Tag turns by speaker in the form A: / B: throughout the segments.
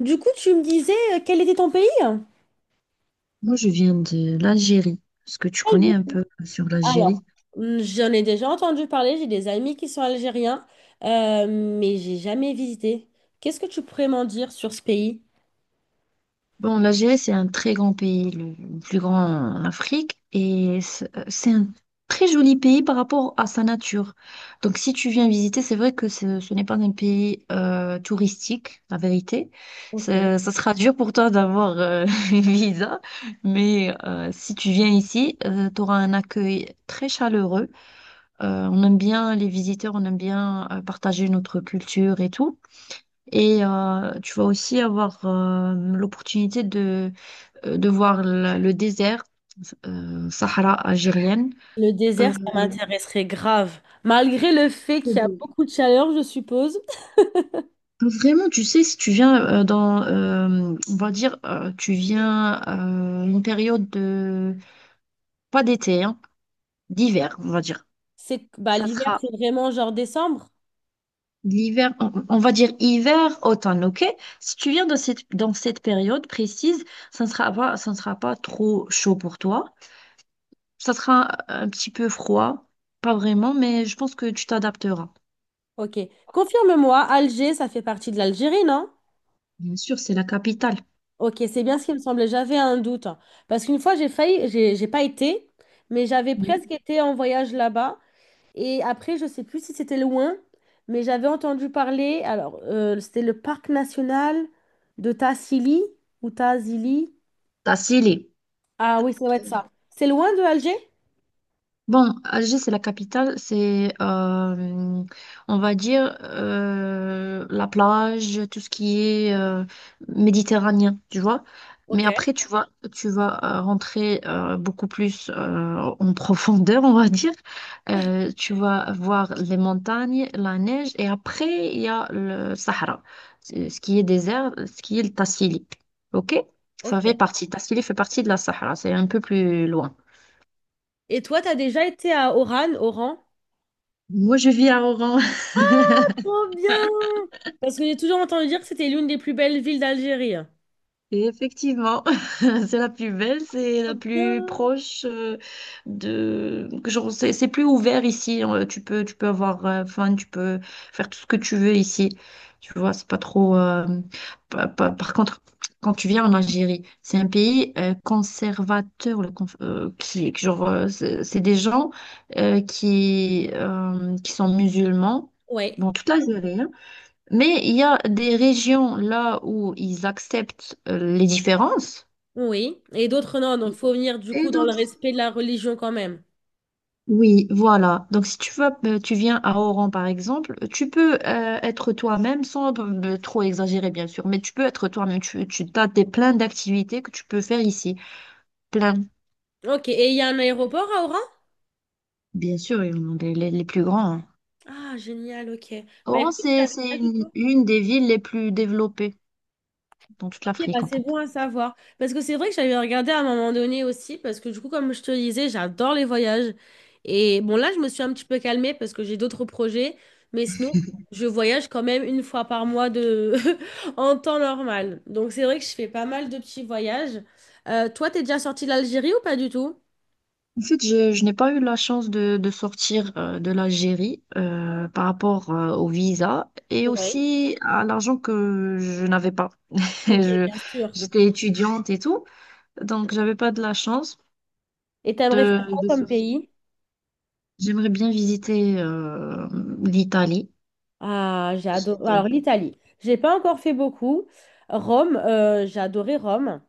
A: Du coup, tu me disais, quel était ton pays?
B: Moi, je viens de l'Algérie. Est-ce que tu connais un
A: Algérie.
B: peu sur
A: Alors,
B: l'Algérie?
A: j'en ai déjà entendu parler, j'ai des amis qui sont algériens, mais j'ai jamais visité. Qu'est-ce que tu pourrais m'en dire sur ce pays?
B: Bon, l'Algérie, c'est un très grand pays, le plus grand en Afrique, et c'est un très joli pays par rapport à sa nature. Donc, si tu viens visiter, c'est vrai que ce n'est pas un pays touristique, la vérité.
A: Ok.
B: Ça sera dur pour toi d'avoir une visa, mais si tu viens ici, tu auras un accueil très chaleureux. On aime bien les visiteurs, on aime bien partager notre culture et tout. Et tu vas aussi avoir l'opportunité de voir le désert, Sahara algérienne.
A: Le
B: Euh,
A: désert, ça m'intéresserait grave. Malgré le fait
B: c'est
A: qu'il y a
B: beau.
A: beaucoup de chaleur, je suppose.
B: Vraiment, tu sais, si tu viens on va dire, tu viens une période de, pas d'été, hein, d'hiver, on va dire.
A: C'est, bah,
B: Ça
A: l'hiver,
B: sera
A: c'est vraiment genre décembre.
B: l'hiver, on va dire hiver, automne, ok? Si tu viens dans cette période précise, ça ne sera pas trop chaud pour toi. Ça sera un petit peu froid, pas vraiment, mais je pense que tu t'adapteras.
A: Ok. Confirme-moi, Alger, ça fait partie de l'Algérie, non?
B: Bien sûr, c'est la capitale.
A: Ok, c'est bien ce qui me semblait. J'avais un doute, hein. Parce qu'une fois, j'ai failli, j'ai pas été, mais j'avais presque
B: Oui.
A: été en voyage là-bas. Et après, je sais plus si c'était loin, mais j'avais entendu parler. Alors, c'était le parc national de Tassili ou Tazili.
B: T'as scellé.
A: Ah oui, ça doit être ça. C'est loin de Alger?
B: Bon, Alger, c'est la capitale, c'est, on va dire, la plage, tout ce qui est méditerranéen, tu vois. Mais
A: Ok,
B: après, tu vas rentrer beaucoup plus en profondeur, on va dire. Tu vas voir les montagnes, la neige, et après, il y a le Sahara, ce qui est désert, ce qui est le Tassili. OK? Ça
A: ok.
B: fait partie, Tassili fait partie de la Sahara, c'est un peu plus loin.
A: Et toi, t'as déjà été à Oran?
B: Moi, je vis à Oran.
A: Trop bien! Parce que j'ai toujours entendu dire que c'était l'une des plus belles villes d'Algérie.
B: Et effectivement, c'est la plus belle, c'est la
A: Trop
B: plus
A: bien!
B: proche, de genre c'est plus ouvert ici. Tu peux avoir fun, tu peux faire tout ce que tu veux ici. Tu vois, c'est pas trop. Par contre, quand tu viens en Algérie, c'est un pays conservateur, le conf- qui- genre c'est des gens qui sont musulmans.
A: Ouais.
B: Bon, toute l'Algérie, hein, mais il y a des régions là où ils acceptent les différences.
A: Oui, et d'autres non, donc faut venir du
B: Et
A: coup dans le
B: d'autres.
A: respect de la religion quand même.
B: Oui, voilà. Donc si tu vas, tu viens à Oran par exemple, tu peux être toi-même sans trop exagérer bien sûr, mais tu peux être toi-même. Tu as des, plein d'activités que tu peux faire ici. Plein.
A: Ok, et il y a un aéroport à Oran?
B: Bien sûr, ils en ont les plus grands, hein.
A: Ah, génial, ok. Bah
B: Oran,
A: écoute, je savais
B: c'est
A: pas du tout.
B: une des villes les plus développées dans toute
A: Ok, bah
B: l'Afrique en
A: c'est bon
B: fait.
A: à savoir. Parce que c'est vrai que j'avais regardé à un moment donné aussi, parce que du coup, comme je te le disais, j'adore les voyages. Et bon, là, je me suis un petit peu calmée parce que j'ai d'autres projets, mais sinon, je voyage quand même une fois par mois de... en temps normal. Donc c'est vrai que je fais pas mal de petits voyages. Toi, t'es déjà sorti de l'Algérie ou pas du tout?
B: En fait, je n'ai pas eu la chance de sortir de l'Algérie par rapport au visa et
A: Oui.
B: aussi à l'argent que je n'avais pas.
A: Ok,
B: Je-
A: bien sûr.
B: j'étais étudiante et tout, donc j'avais pas de la chance
A: Et t'aimerais faire quoi
B: de
A: comme
B: sortir.
A: pays?
B: J'aimerais bien visiter l'Italie.
A: Ah, j'ai adoré.
B: J'adore.
A: Alors, l'Italie, j'ai pas encore fait beaucoup. Rome, j'ai adoré Rome.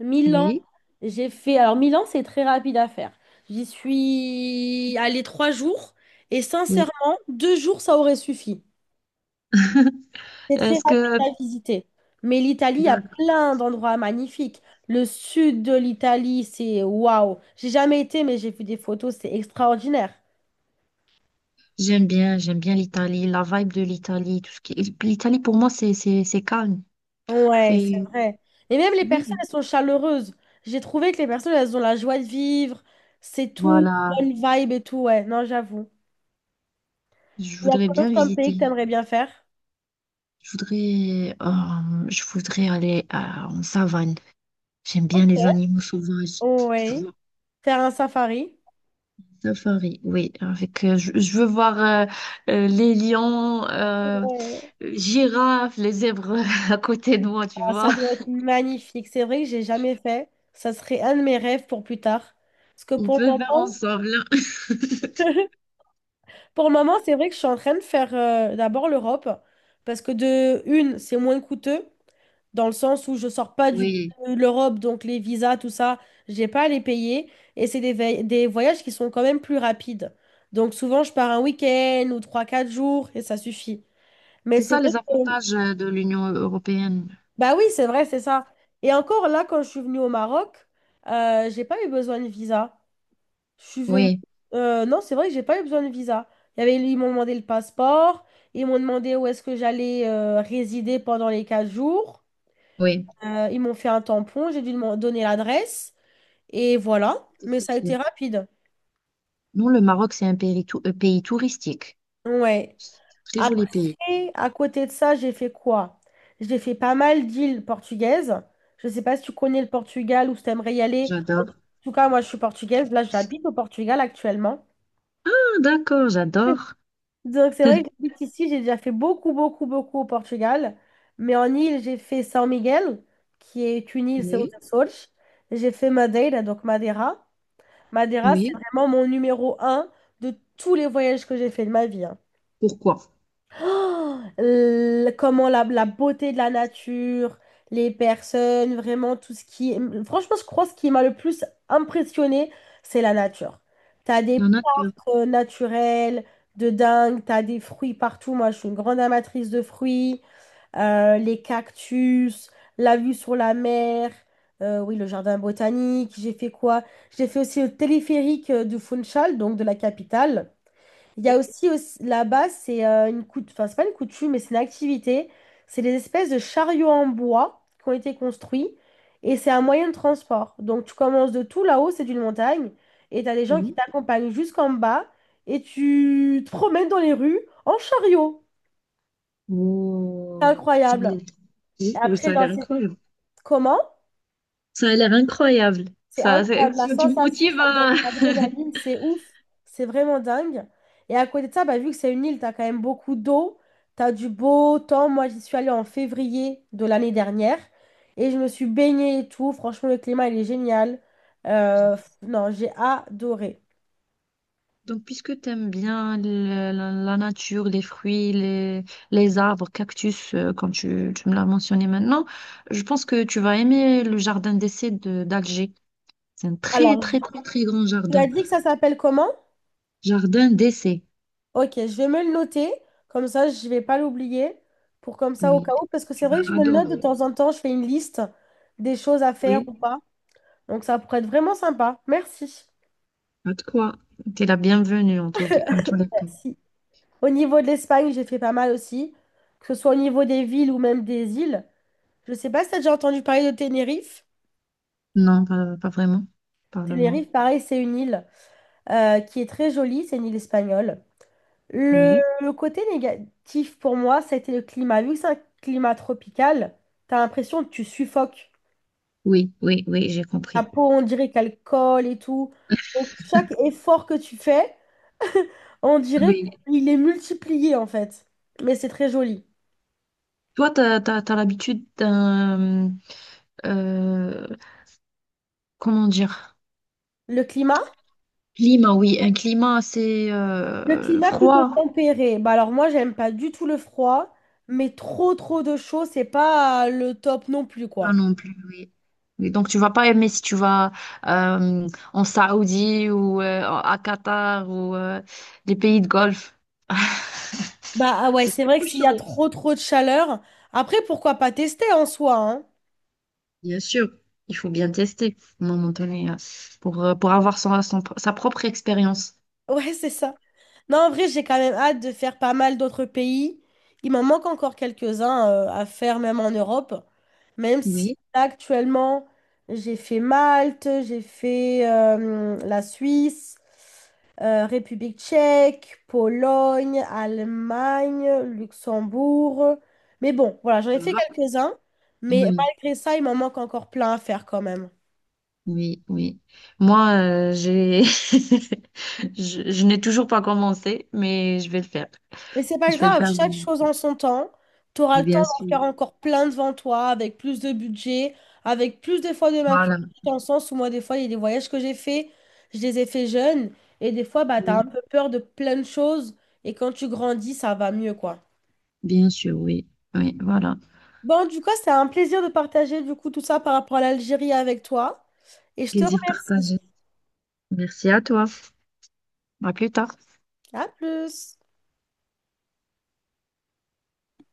A: Milan,
B: Oui,
A: j'ai fait. Alors, Milan, c'est très rapide à faire. J'y suis allée trois jours et sincèrement,
B: oui.
A: deux jours, ça aurait suffi. C'est très
B: Est-ce
A: rapide
B: que
A: à visiter. Mais l'Italie a plein d'endroits magnifiques. Le sud de l'Italie, c'est waouh. J'ai jamais été, mais j'ai vu des photos, c'est extraordinaire.
B: j'aime bien l'Italie, la vibe de l'Italie, tout ce qui. L'Italie pour moi, c'est calme.
A: Ouais, c'est
B: C'est,
A: vrai. Et même les personnes,
B: oui,
A: elles sont chaleureuses. J'ai trouvé que les personnes, elles ont la joie de vivre. C'est tout,
B: voilà.
A: bonne vibe et tout. Ouais, non, j'avoue.
B: Je
A: Il y a
B: voudrais
A: quoi
B: bien
A: d'autre comme pays que
B: visiter.
A: t'aimerais bien faire?
B: Je voudrais en savane. J'aime bien
A: Ok.
B: les animaux sauvages. Je veux
A: Oui.
B: voir
A: Faire un safari.
B: un safari, oui. Avec, je veux voir les lions,
A: Ouais.
B: girafes, les zèbres à côté de moi, tu
A: Ah,
B: vois.
A: ça doit être magnifique. C'est vrai que j'ai jamais fait. Ça serait un de mes rêves pour plus tard. Parce que
B: On
A: pour le
B: peut faire
A: moment,
B: ensemble.
A: pour le moment, c'est vrai que je suis en train de faire d'abord l'Europe. Parce que de une, c'est moins coûteux, dans le sens où je sors pas
B: Oui,
A: de l'Europe, donc les visas, tout ça, j'ai pas à les payer. Et c'est des, des voyages qui sont quand même plus rapides. Donc souvent, je pars un week-end ou trois quatre jours et ça suffit. Mais
B: c'est
A: c'est
B: ça
A: vrai
B: les
A: que...
B: avantages de l'Union européenne.
A: Bah oui, c'est vrai, c'est ça. Et encore là, quand je suis venue au Maroc, j'ai pas eu besoin de visa. Je suis venue...
B: Oui,
A: non, c'est vrai que j'ai pas eu besoin de visa. Il y avait... Ils m'ont demandé le passeport, ils m'ont demandé où est-ce que j'allais résider pendant les 4 jours.
B: oui.
A: Ils m'ont fait un tampon, j'ai dû me donner l'adresse et voilà. Mais
B: C'est
A: ça a
B: sûr.
A: été rapide.
B: Non, le Maroc, c'est un pays, pays touristique.
A: Ouais.
B: Très joli pays.
A: Après, à côté de ça, j'ai fait quoi? J'ai fait pas mal d'îles portugaises. Je sais pas si tu connais le Portugal ou si t'aimerais y aller. En
B: J'adore.
A: tout cas, moi, je suis portugaise. Là, j'habite au Portugal actuellement.
B: Ah, d'accord, j'adore.
A: Donc, c'est vrai que j'habite ici. J'ai déjà fait beaucoup, beaucoup, beaucoup au Portugal. Mais en île, j'ai fait São Miguel, qui est une île, c'est aux
B: Oui,
A: Açores. J'ai fait Madeira, donc Madeira. Madeira, c'est
B: oui.
A: vraiment mon numéro un de tous les voyages que j'ai fait de ma vie, hein.
B: Pourquoi?
A: Oh, comment la beauté de la nature, les personnes, vraiment tout ce qui... Franchement, je crois que ce qui m'a le plus impressionné, c'est la nature. T'as des
B: La nature.
A: parcs naturels de dingue, t'as des fruits partout. Moi, je suis une grande amatrice de fruits, les cactus, la vue sur la mer, oui, le jardin botanique. J'ai fait quoi? J'ai fait aussi le téléphérique de Funchal, donc de la capitale. Il y a
B: Oui,
A: aussi, là-bas, c'est une enfin, c'est pas une coutume, mais c'est une activité. C'est des espèces de chariots en bois qui ont été construits et c'est un moyen de transport. Donc tu commences de tout là-haut, c'est une montagne, et tu as des gens qui
B: oui.
A: t'accompagnent jusqu'en bas et tu te promènes dans les rues en chariot. C'est
B: Oh, ça a
A: incroyable.
B: l'air,
A: Et
B: oui, oui,
A: après,
B: ça a
A: dans
B: l'air
A: ces
B: incroyable.
A: Comment?
B: Ça a l'air incroyable.
A: C'est
B: Ça, c'est-
A: incroyable. La
B: tu me
A: sensation,
B: motives
A: ça te
B: à...
A: donne une adrénaline, c'est ouf. C'est vraiment dingue. Et à côté de ça, bah, vu que c'est une île, t'as quand même beaucoup d'eau, t'as du beau temps. Moi, j'y suis allée en février de l'année dernière et je me suis baignée et tout. Franchement, le climat, il est génial. Non, j'ai adoré.
B: Donc, puisque tu aimes bien la nature, les fruits, les arbres, cactus, comme tu me l'as mentionné maintenant, je pense que tu vas aimer le jardin d'essai d'Alger. C'est un très,
A: Alors,
B: très, très, très grand
A: tu
B: jardin.
A: as dit que ça s'appelle comment?
B: Jardin d'essai.
A: Ok, je vais me le noter. Comme ça, je vais pas l'oublier. Pour comme ça, au cas
B: Oui,
A: où. Parce que
B: tu
A: c'est vrai que je
B: vas
A: me le note de
B: adorer.
A: temps en temps, je fais une liste des choses à faire
B: Oui.
A: ou pas. Donc ça pourrait être vraiment sympa. Merci.
B: Pas de quoi. T'es la bienvenue en tout les cas.
A: Merci. Au niveau de l'Espagne, j'ai fait pas mal aussi, que ce soit au niveau des villes ou même des îles. Je sais pas si tu as déjà entendu parler de Tenerife.
B: Non, pas, pas vraiment. Parle-moi.
A: Tenerife, pareil, c'est une île qui est très jolie, c'est une île espagnole. Le,
B: Oui,
A: le côté négatif pour moi, ça a été le climat. Vu que c'est un climat tropical, tu as l'impression que tu suffoques.
B: oui, oui, oui, j'ai
A: Ta
B: compris.
A: peau, on dirait qu'elle colle et tout. Donc chaque effort que tu fais, on dirait
B: Oui.
A: qu'il est multiplié en fait. Mais c'est très joli.
B: Toi, t'as l'habitude d'un, euh, comment dire,
A: Le climat?
B: climat, oui, un climat assez
A: Le climat plutôt
B: froid.
A: tempéré. Bah alors moi, j'aime pas du tout le froid, mais trop trop de chaud, c'est pas le top non plus
B: Pas
A: quoi.
B: non plus, oui. Oui. Donc, tu vas pas aimer si tu vas euh, en Saoudie ou à Qatar ou les pays de Golfe.
A: Bah ah ouais,
B: C'est
A: c'est vrai
B: trop
A: que s'il y a
B: chaud.
A: trop trop de chaleur, après pourquoi pas tester en soi, hein?
B: Bien sûr, il faut bien tester à un moment donné pour avoir sa propre expérience.
A: Ouais, c'est ça. Non, en vrai, j'ai quand même hâte de faire pas mal d'autres pays. Il m'en manque encore quelques-uns à faire, même en Europe. Même si
B: Oui,
A: là, actuellement, j'ai fait Malte, j'ai fait la Suisse, République tchèque, Pologne, Allemagne, Luxembourg. Mais bon, voilà, j'en ai
B: ça
A: fait
B: va.
A: quelques-uns. Mais
B: Oui,
A: malgré ça, il m'en manque encore plein à faire quand même.
B: oui, oui. Moi, j'ai je n'ai toujours pas commencé, mais je vais le faire.
A: Mais c'est pas
B: Je vais le
A: grave,
B: faire,
A: chaque
B: oui.
A: chose en son temps. Tu auras le temps
B: Bien
A: d'en
B: sûr.
A: faire encore plein devant toi, avec plus de budget, avec plus des fois de
B: Voilà.
A: maturité, dans le sens où moi, des fois, il y a des voyages que j'ai faits, je les ai faits jeunes, et des fois, bah, tu as un
B: Oui,
A: peu peur de plein de choses, et quand tu grandis, ça va mieux, quoi.
B: bien sûr, oui. Oui, voilà.
A: Bon, du coup, c'était un plaisir de partager, du coup, tout ça par rapport à l'Algérie avec toi, et je te
B: Plaisir
A: remercie.
B: partagé. Merci à toi. À plus tard.
A: À plus!